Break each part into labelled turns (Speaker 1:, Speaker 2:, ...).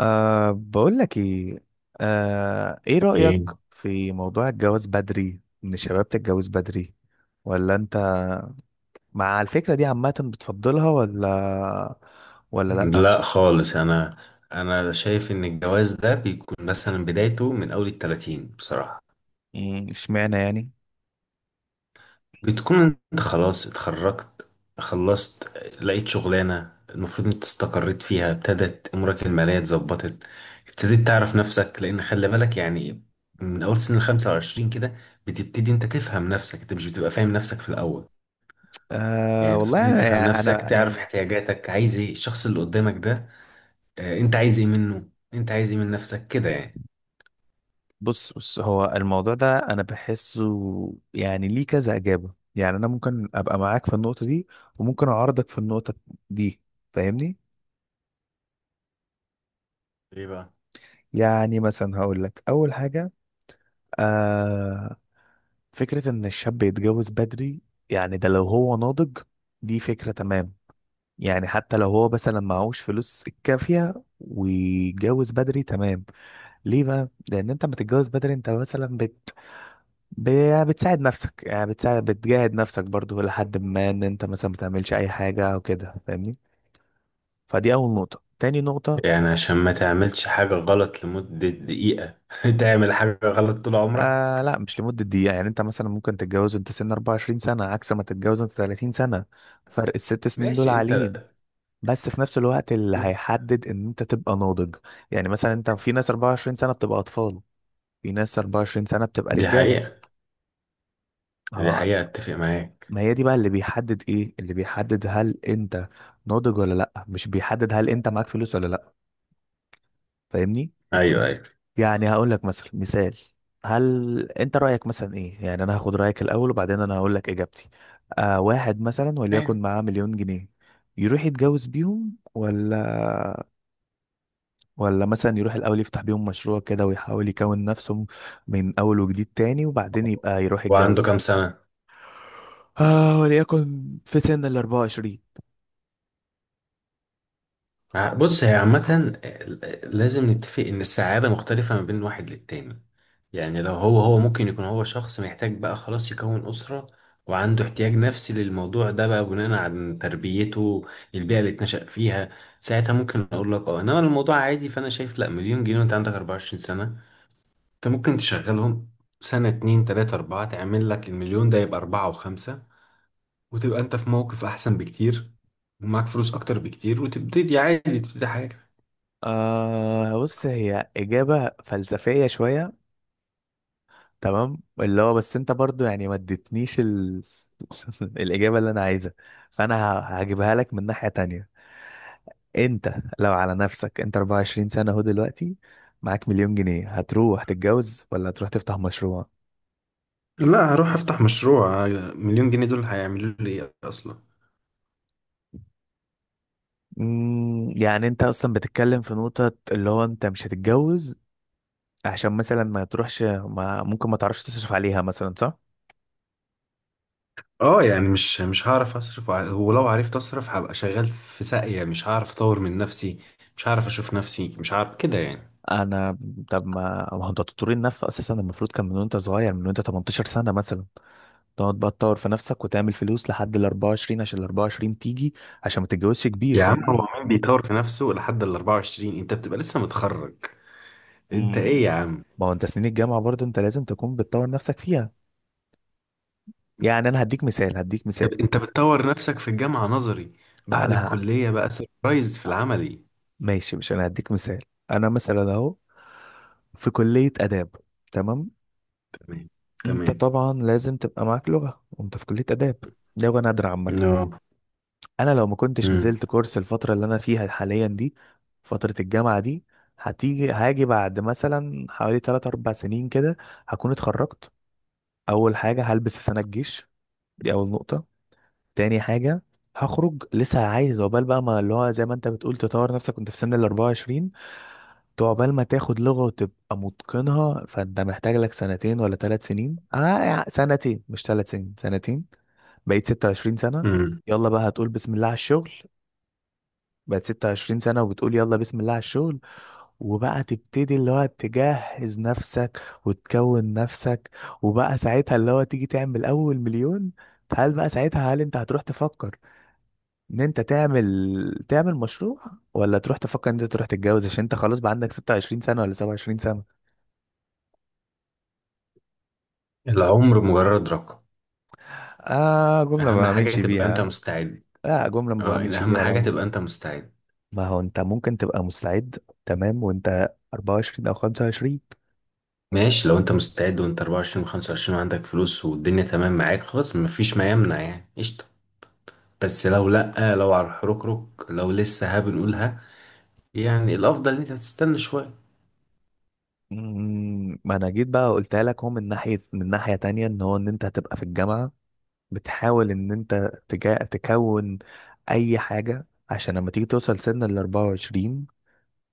Speaker 1: بقول لك ايه. ايه رأيك
Speaker 2: ايه.
Speaker 1: في موضوع الجواز بدري، ان الشباب تتجوز بدري؟ ولا انت مع الفكرة دي عامة بتفضلها، ولا لأ؟
Speaker 2: لا خالص، انا شايف ان الجواز ده بيكون مثلا بدايته من اول التلاتين بصراحة.
Speaker 1: اشمعنى يعني؟
Speaker 2: بتكون انت خلاص اتخرجت، خلصت، لقيت شغلانة المفروض انت استقريت فيها، ابتدت امورك المالية اتظبطت، ابتديت تعرف نفسك، لان خلي بالك يعني من اول سن الـ25 كده بتبتدي انت تفهم نفسك. انت مش بتبقى فاهم نفسك في الاول. يعني
Speaker 1: والله
Speaker 2: بتبتدي تفهم
Speaker 1: انا
Speaker 2: نفسك،
Speaker 1: انا
Speaker 2: تعرف
Speaker 1: يعني،
Speaker 2: احتياجاتك، عايز ايه الشخص اللي قدامك ده، انت عايز ايه منه، انت عايز ايه من نفسك كده يعني.
Speaker 1: بص، بص، هو الموضوع ده انا بحسه يعني ليه كذا إجابة، يعني انا ممكن ابقى معاك في النقطة دي وممكن اعارضك في النقطة دي. فاهمني؟
Speaker 2: ليه بقى؟
Speaker 1: يعني مثلا هقول لك اول حاجة. آه، فكرة إن الشاب يتجوز بدري، يعني ده لو هو ناضج دي فكرة تمام. يعني حتى لو هو مثلا معهوش فلوس الكافية ويتجوز بدري، تمام. ليه بقى؟ لأن أنت لما تتجوز بدري أنت مثلا يعني بتساعد نفسك، يعني بتجاهد نفسك برضو لحد ما إن أنت مثلا بتعملش أي حاجة أو كده. فاهمني؟ فدي أول نقطة. تاني نقطة،
Speaker 2: يعني عشان ما تعملش حاجة غلط لمدة دقيقة تعمل حاجة غلط طول عمرك.
Speaker 1: آه، لا، مش لمدة دقيقة. يعني أنت مثلا ممكن تتجوز وأنت سن 24 سنة، عكس ما تتجوز وأنت 30 سنة. فرق الست سنين دول
Speaker 2: ماشي انت.
Speaker 1: عاليين، بس في نفس الوقت اللي هيحدد ان انت تبقى ناضج. يعني مثلا انت في ناس 24 سنة بتبقى اطفال، في ناس 24 سنة بتبقى
Speaker 2: دي
Speaker 1: رجالة.
Speaker 2: حقيقة، دي
Speaker 1: اه،
Speaker 2: حقيقة، اتفق معاك.
Speaker 1: ما هي دي بقى اللي بيحدد، ايه اللي بيحدد هل انت ناضج ولا لا، مش بيحدد هل انت معاك فلوس ولا لا. فاهمني؟
Speaker 2: ايوه، ايوه،
Speaker 1: يعني هقول لك مثلا مثال. هل انت رأيك مثلا ايه؟ يعني انا هاخد رأيك الاول وبعدين انا هقول لك اجابتي. واحد مثلا
Speaker 2: ايوه.
Speaker 1: وليكن معاه مليون جنيه، يروح يتجوز بيهم، ولا مثلا يروح الأول يفتح بيهم مشروع كده ويحاول يكون نفسه من أول وجديد تاني وبعدين يبقى يروح
Speaker 2: وعنده
Speaker 1: يتجوز؟
Speaker 2: كام سنة؟
Speaker 1: وليكن في سن ال 24.
Speaker 2: بص، هي عامة لازم نتفق ان السعادة مختلفة ما بين واحد للتاني. يعني لو هو ممكن يكون هو شخص محتاج بقى خلاص يكون أسرة، وعنده احتياج نفسي للموضوع ده بقى بناء على تربيته، البيئة اللي اتنشأ فيها. ساعتها ممكن أقول لك اه إنما الموضوع عادي. فأنا شايف لأ، مليون جنيه وأنت عندك 24 سنة، أنت ممكن تشغلهم سنة اتنين تلاتة أربعة تعمل لك المليون ده يبقى أربعة وخمسة، وتبقى أنت في موقف أحسن بكتير، ومعاك فلوس أكتر بكتير، وتبتدي عادي، تبتدي حاجة.
Speaker 1: بص، هي إجابة فلسفية شوية، تمام، اللي هو بس أنت برضو يعني ما اديتنيش الإجابة اللي أنا عايزها. فأنا هجيبها لك من ناحية تانية. أنت لو على نفسك، أنت 24 سنة أهو دلوقتي، معاك مليون جنيه، هتروح تتجوز ولا هتروح تفتح مشروع؟
Speaker 2: لا، هروح أفتح مشروع. مليون جنيه دول هيعملوا لي إيه أصلا؟
Speaker 1: يعني انت اصلا بتتكلم في نقطة اللي هو انت مش هتتجوز عشان مثلا ما تروحش، ما ممكن ما تعرفش تصرف عليها مثلا، صح؟
Speaker 2: اه، يعني مش هعرف اصرف، ولو عرفت اصرف هبقى شغال في ساقية، مش هعرف اطور من نفسي، مش هعرف اشوف نفسي، مش عارف كده يعني.
Speaker 1: انا طب، ما هو انت تطور النفس اساسا المفروض كان من وانت صغير، من وانت 18 سنة مثلا، تقعد بقى تطور في نفسك وتعمل فلوس لحد ال 24 عشان ال 24 تيجي، عشان ما تتجوزش كبير.
Speaker 2: يا عم،
Speaker 1: فاهم؟
Speaker 2: هو مين بيطور في نفسه لحد ال 24؟ انت بتبقى لسه متخرج. انت
Speaker 1: مم.
Speaker 2: ايه يا عم.
Speaker 1: ما هو انت سنين الجامعة برضه انت لازم تكون بتطور نفسك فيها. يعني انا هديك مثال، هديك
Speaker 2: طب
Speaker 1: مثال.
Speaker 2: انت بتطور نفسك في الجامعة نظري، بعد
Speaker 1: انا
Speaker 2: الكلية بقى سربرايز في العملي.
Speaker 1: ماشي، مش انا هديك مثال. انا مثلا اهو في كلية اداب، تمام.
Speaker 2: تمام،
Speaker 1: انت
Speaker 2: تمام.
Speaker 1: طبعا لازم تبقى معاك لغة وانت في كلية اداب، لغة نادرة عامة.
Speaker 2: نو.
Speaker 1: انا لو ما كنتش
Speaker 2: امم،
Speaker 1: نزلت كورس الفترة اللي انا فيها حاليا دي، فترة الجامعة دي، هاجي بعد مثلا حوالي 3 4 سنين كده، هكون اتخرجت. اول حاجة، هلبس في سنة الجيش، دي اول نقطة. تاني حاجة، هخرج لسه عايز عقبال بقى ما اللي هو زي ما انت بتقول تطور نفسك وانت في سن ال 24، عقبال ما تاخد لغة وتبقى متقنها فانت محتاج لك سنتين ولا ثلاث سنين، يعني سنتين مش ثلاث سنين، سنتين. بقيت 26 سنة،
Speaker 2: امم.
Speaker 1: يلا بقى هتقول بسم الله على الشغل. بقت 26 سنة وبتقول يلا بسم الله على الشغل، وبقى تبتدي اللي هو تجهز نفسك وتكون نفسك، وبقى ساعتها اللي هو تيجي تعمل أول مليون. هل بقى ساعتها، هل انت هتروح تفكر ان انت تعمل مشروع، ولا تروح تفكر ان انت تروح تتجوز عشان انت خلاص بقى عندك 26 سنة ولا 27؟
Speaker 2: العمر مجرد رقم.
Speaker 1: آه، جملة
Speaker 2: اهم
Speaker 1: ما
Speaker 2: حاجة
Speaker 1: بأمنش
Speaker 2: تبقى انت
Speaker 1: بيها.
Speaker 2: مستعد.
Speaker 1: لا، جملة ما
Speaker 2: اه،
Speaker 1: بأمنش
Speaker 2: اهم
Speaker 1: بيها
Speaker 2: حاجة
Speaker 1: لو.
Speaker 2: تبقى انت مستعد.
Speaker 1: ما هو أنت ممكن تبقى مستعد، تمام، وأنت 24 أو 25.
Speaker 2: ماشي، لو انت مستعد وانت 24 و 25 وعندك فلوس والدنيا تمام معاك، خلاص مفيش ما يمنع يعني، قشطة. بس لو لأ، لو على الحركرك، لو لسه ها بنقولها، يعني الأفضل إن أنت تستنى شوية.
Speaker 1: ما أنا جيت بقى قلتها لك، هو من ناحية تانية، إن أنت هتبقى في الجامعة بتحاول إن أنت تكون أي حاجة، عشان لما تيجي توصل سن ال 24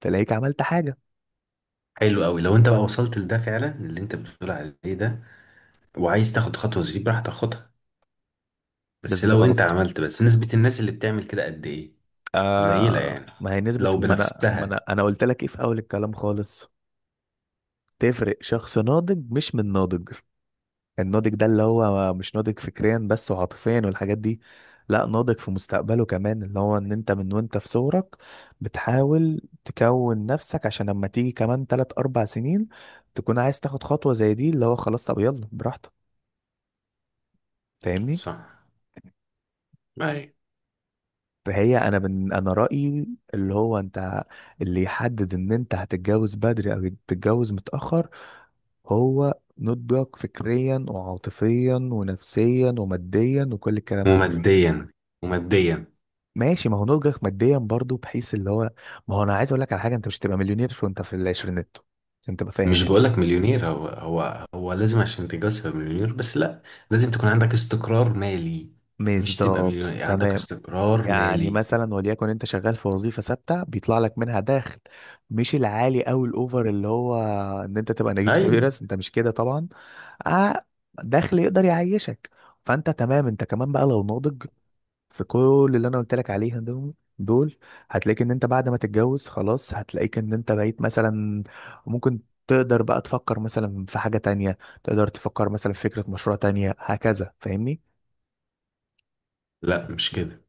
Speaker 1: تلاقيك عملت حاجة.
Speaker 2: حلو قوي. لو أنت بقى وصلت لده فعلا اللي أنت بتقول عليه ده، وعايز تاخد خطوة زي دي براحتك، خدها. بس لو أنت
Speaker 1: بالظبط.
Speaker 2: عملت، بس نسبة الناس اللي بتعمل كده قد إيه؟ قليلة يعني،
Speaker 1: ما هي نسبة،
Speaker 2: لو
Speaker 1: ما أنا ما أنا
Speaker 2: بنفسها.
Speaker 1: أنا قلت لك إيه في أول الكلام خالص. تفرق شخص ناضج مش من ناضج. الناضج ده اللي هو مش ناضج فكريا بس وعاطفيا والحاجات دي، لا، ناضج في مستقبله كمان، اللي هو ان انت من وانت في صغرك بتحاول تكون نفسك، عشان لما تيجي كمان تلات اربع سنين تكون عايز تاخد خطوة زي دي اللي هو خلاص، طب يلا براحتك. فاهمني؟
Speaker 2: صح. اي.
Speaker 1: فهي انا، من انا رأيي اللي هو انت، اللي يحدد ان انت هتتجوز بدري او تتجوز متأخر، هو نضجك فكريا وعاطفيا ونفسيا وماديا وكل الكلام ده.
Speaker 2: وماديا، وماديا.
Speaker 1: ماشي، ما هو نضجك ماديا برضو بحيث اللي هو، ما هو انا عايز اقول لك على حاجه، انت مش هتبقى مليونير وانت في العشرينات عشان تبقى فاهم
Speaker 2: مش
Speaker 1: يعني.
Speaker 2: بقولك مليونير. هو لازم عشان تتجوز تبقى مليونير، بس لا، لازم تكون عندك استقرار مالي. مش تبقى مليونير،
Speaker 1: بالظبط،
Speaker 2: يعني عندك
Speaker 1: تمام.
Speaker 2: استقرار
Speaker 1: يعني
Speaker 2: مالي.
Speaker 1: مثلا وليكن انت شغال في وظيفه ثابته بيطلع لك منها دخل، مش العالي او الاوفر اللي هو ان انت تبقى نجيب
Speaker 2: ايوه.
Speaker 1: ساويرس، انت مش كده طبعا. آه دخل يقدر يعيشك. فانت تمام، انت كمان بقى لو ناضج في كل اللي انا قلت لك عليها دول دول، هتلاقيك ان انت بعد ما تتجوز خلاص، هتلاقيك ان انت بقيت مثلا ممكن تقدر بقى تفكر مثلا في حاجة تانية، تقدر تفكر مثلا في فكرة مشروع تانية هكذا. فاهمني؟
Speaker 2: لا مش كده.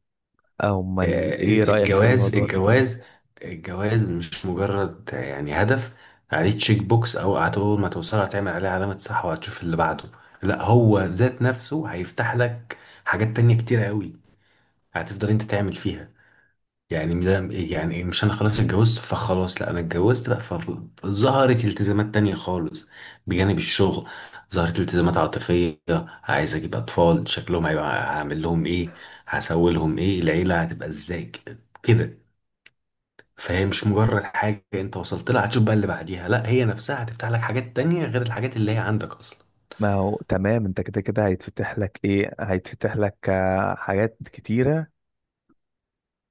Speaker 1: امال ايه رأيك في
Speaker 2: الجواز
Speaker 1: الموضوع ده، طيب؟
Speaker 2: الجواز الجواز مش مجرد يعني هدف عليه تشيك بوكس، او اول ما توصل هتعمل عليه علامة صح وهتشوف اللي بعده. لا، هو ذات نفسه هيفتح لك حاجات تانية كتيرة قوي هتفضل انت تعمل فيها. يعني ده يعني مش انا خلاص اتجوزت فخلاص، لا، انا اتجوزت بقى فظهرت التزامات تانية خالص بجانب الشغل، ظهرت التزامات عاطفية. عايز اجيب اطفال شكلهم هيبقى، هعمل لهم ايه، هسوي لهم ايه، العيلة هتبقى ازاي، كده. فهي مش مجرد حاجة انت وصلت لها هتشوف بقى اللي بعديها، لا هي نفسها هتفتح لك حاجات تانية غير الحاجات اللي هي عندك اصلا.
Speaker 1: ما هو تمام، انت كده كده هيتفتح لك ايه، هيتفتح لك حاجات كتيرة،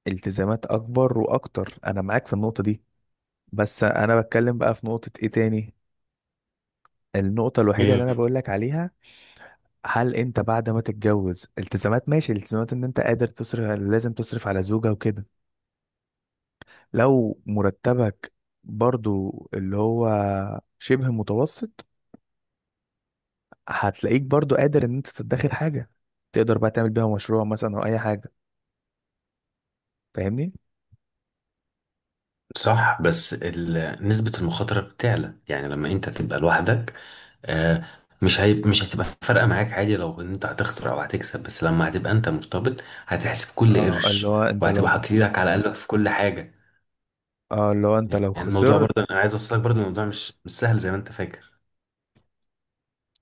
Speaker 1: التزامات اكبر واكتر. انا معاك في النقطة دي، بس انا بتكلم بقى في نقطة ايه تاني، النقطة الوحيدة اللي انا بقول لك عليها، هل انت بعد ما تتجوز، التزامات ماشي، الالتزامات ان انت قادر تصرف، لازم تصرف على زوجة وكده. لو مرتبك برضو اللي هو شبه متوسط، هتلاقيك برضو قادر ان انت تدخر حاجة، تقدر بقى تعمل بيها مشروع مثلا او اي حاجة. فاهمني؟
Speaker 2: صح، بس نسبة المخاطرة بتعلى يعني لما انت تبقى لوحدك. آه، مش هتبقى فارقة معاك عادي لو ان انت هتخسر او هتكسب، بس لما هتبقى انت مرتبط هتحسب كل
Speaker 1: اه اللي
Speaker 2: قرش،
Speaker 1: هو انت
Speaker 2: وهتبقى
Speaker 1: لو
Speaker 2: حاطط ايدك على قلبك في كل حاجة.
Speaker 1: اه، اللي هو انت
Speaker 2: يعني
Speaker 1: لو
Speaker 2: الموضوع
Speaker 1: خسرت،
Speaker 2: برضه، انا عايز اوصلك برضه الموضوع مش سهل زي ما انت فاكر.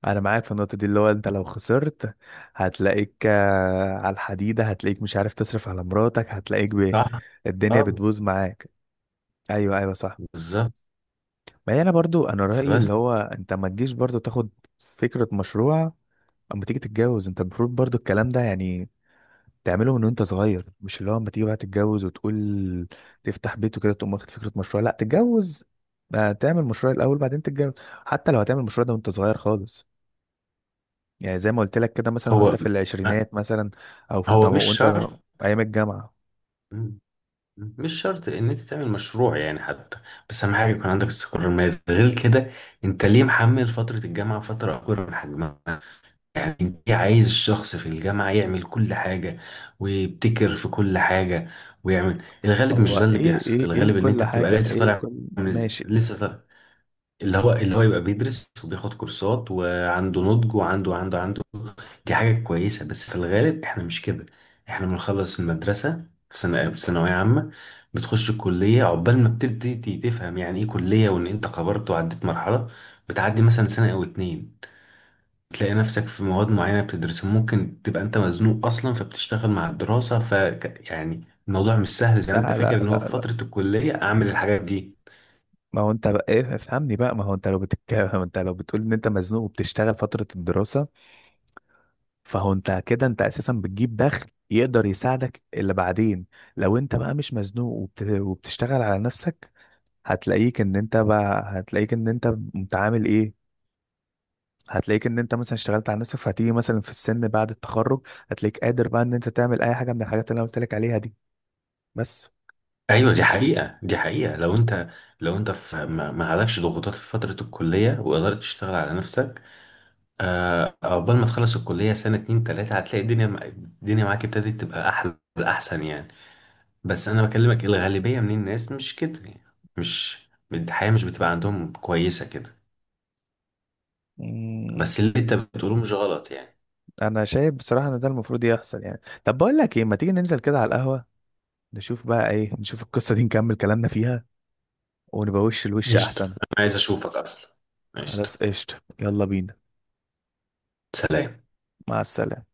Speaker 1: انا معاك في النقطة دي، اللي هو انت لو خسرت هتلاقيك على الحديدة، هتلاقيك مش عارف تصرف على مراتك، هتلاقيك
Speaker 2: صح.
Speaker 1: الدنيا
Speaker 2: اه.
Speaker 1: بتبوظ معاك. ايوه، ايوه، صح.
Speaker 2: بالظبط.
Speaker 1: ما هي انا برضو، انا رايي
Speaker 2: فبس.
Speaker 1: اللي هو انت ما تجيش برضو تاخد فكره مشروع اما تيجي تتجوز. انت المفروض برضو الكلام ده يعني تعمله من وانت صغير، مش اللي هو اما تيجي بقى تتجوز وتقول تفتح بيت وكده تقوم واخد فكره مشروع. لا، تتجوز، تعمل مشروع الاول بعدين تتجوز. حتى لو هتعمل مشروع ده وانت صغير خالص، يعني زي ما قلت لك كده، مثلا وانت
Speaker 2: هو
Speaker 1: في
Speaker 2: آه،
Speaker 1: العشرينات مثلا، او في
Speaker 2: هو مش
Speaker 1: وانت
Speaker 2: شرط
Speaker 1: ايام الجامعه.
Speaker 2: مش شرط ان انت تعمل مشروع يعني حتى. بس اهم حاجه يكون عندك استقرار مالي غير كده. انت ليه محمل فتره الجامعه فتره اكبر من حجمها؟ يعني انت عايز الشخص في الجامعه يعمل كل حاجه ويبتكر في كل حاجه ويعمل. الغالب
Speaker 1: هو
Speaker 2: مش ده اللي
Speaker 1: ايه،
Speaker 2: بيحصل، الغالب ان
Speaker 1: لكل
Speaker 2: انت بتبقى
Speaker 1: حاجه،
Speaker 2: لسه
Speaker 1: ايه
Speaker 2: طالع،
Speaker 1: لكل؟
Speaker 2: من
Speaker 1: ماشي.
Speaker 2: لسه طالع. اللي هو يبقى بيدرس وبياخد كورسات وعنده نضج وعنده عنده عنده. دي حاجة كويسة، بس في الغالب احنا مش كده. احنا بنخلص المدرسة في سنة في ثانوية عامة، بتخش الكلية عقبال ما بتبتدي تفهم يعني ايه كلية، وان انت كبرت وعديت مرحلة، بتعدي مثلا سنة او اتنين تلاقي نفسك في مواد معينة بتدرسها، ممكن تبقى انت مزنوق اصلا فبتشتغل مع الدراسة، ف يعني الموضوع مش سهل زي
Speaker 1: لا،
Speaker 2: ما انت
Speaker 1: لا،
Speaker 2: فاكر ان هو في
Speaker 1: لا.
Speaker 2: فترة الكلية اعمل الحاجات دي.
Speaker 1: ما هو انت بقى ايه؟ افهمني بقى. ما هو انت لو بتتكلم انت لو بتقول ان انت مزنوق وبتشتغل فترة الدراسة، فهو انت كده انت اساسا بتجيب دخل يقدر يساعدك اللي بعدين. لو انت بقى مش مزنوق وبتشتغل على نفسك، هتلاقيك ان انت متعامل ايه، هتلاقيك ان انت مثلا اشتغلت على نفسك، فهتيجي مثلا في السن بعد التخرج هتلاقيك قادر بقى ان انت تعمل اي حاجة من الحاجات اللي انا قلت لك عليها دي، بس.
Speaker 2: ايوه، دي حقيقة، دي حقيقة. لو انت في ما عليكش ضغوطات في فترة الكلية وقدرت تشتغل على نفسك، عقبال ما تخلص الكلية سنة اتنين تلاتة هتلاقي الدنيا الدنيا معاك ابتدت تبقى احلى احسن يعني. بس انا بكلمك الغالبية من الناس مش كده يعني، مش الحياة مش بتبقى عندهم كويسة كده.
Speaker 1: مم،
Speaker 2: بس اللي انت بتقوله مش غلط يعني.
Speaker 1: انا شايف بصراحة ان ده المفروض يحصل يعني. طب بقول لك ايه، ما تيجي ننزل كده على القهوة، نشوف بقى ايه، نشوف القصة دي، نكمل كلامنا فيها، ونبقى وش لوش
Speaker 2: قشطة،
Speaker 1: احسن.
Speaker 2: انا عايز اشوفك اصلا. قشطة.
Speaker 1: خلاص، قشطة، يلا بينا.
Speaker 2: سلام.
Speaker 1: مع السلامة.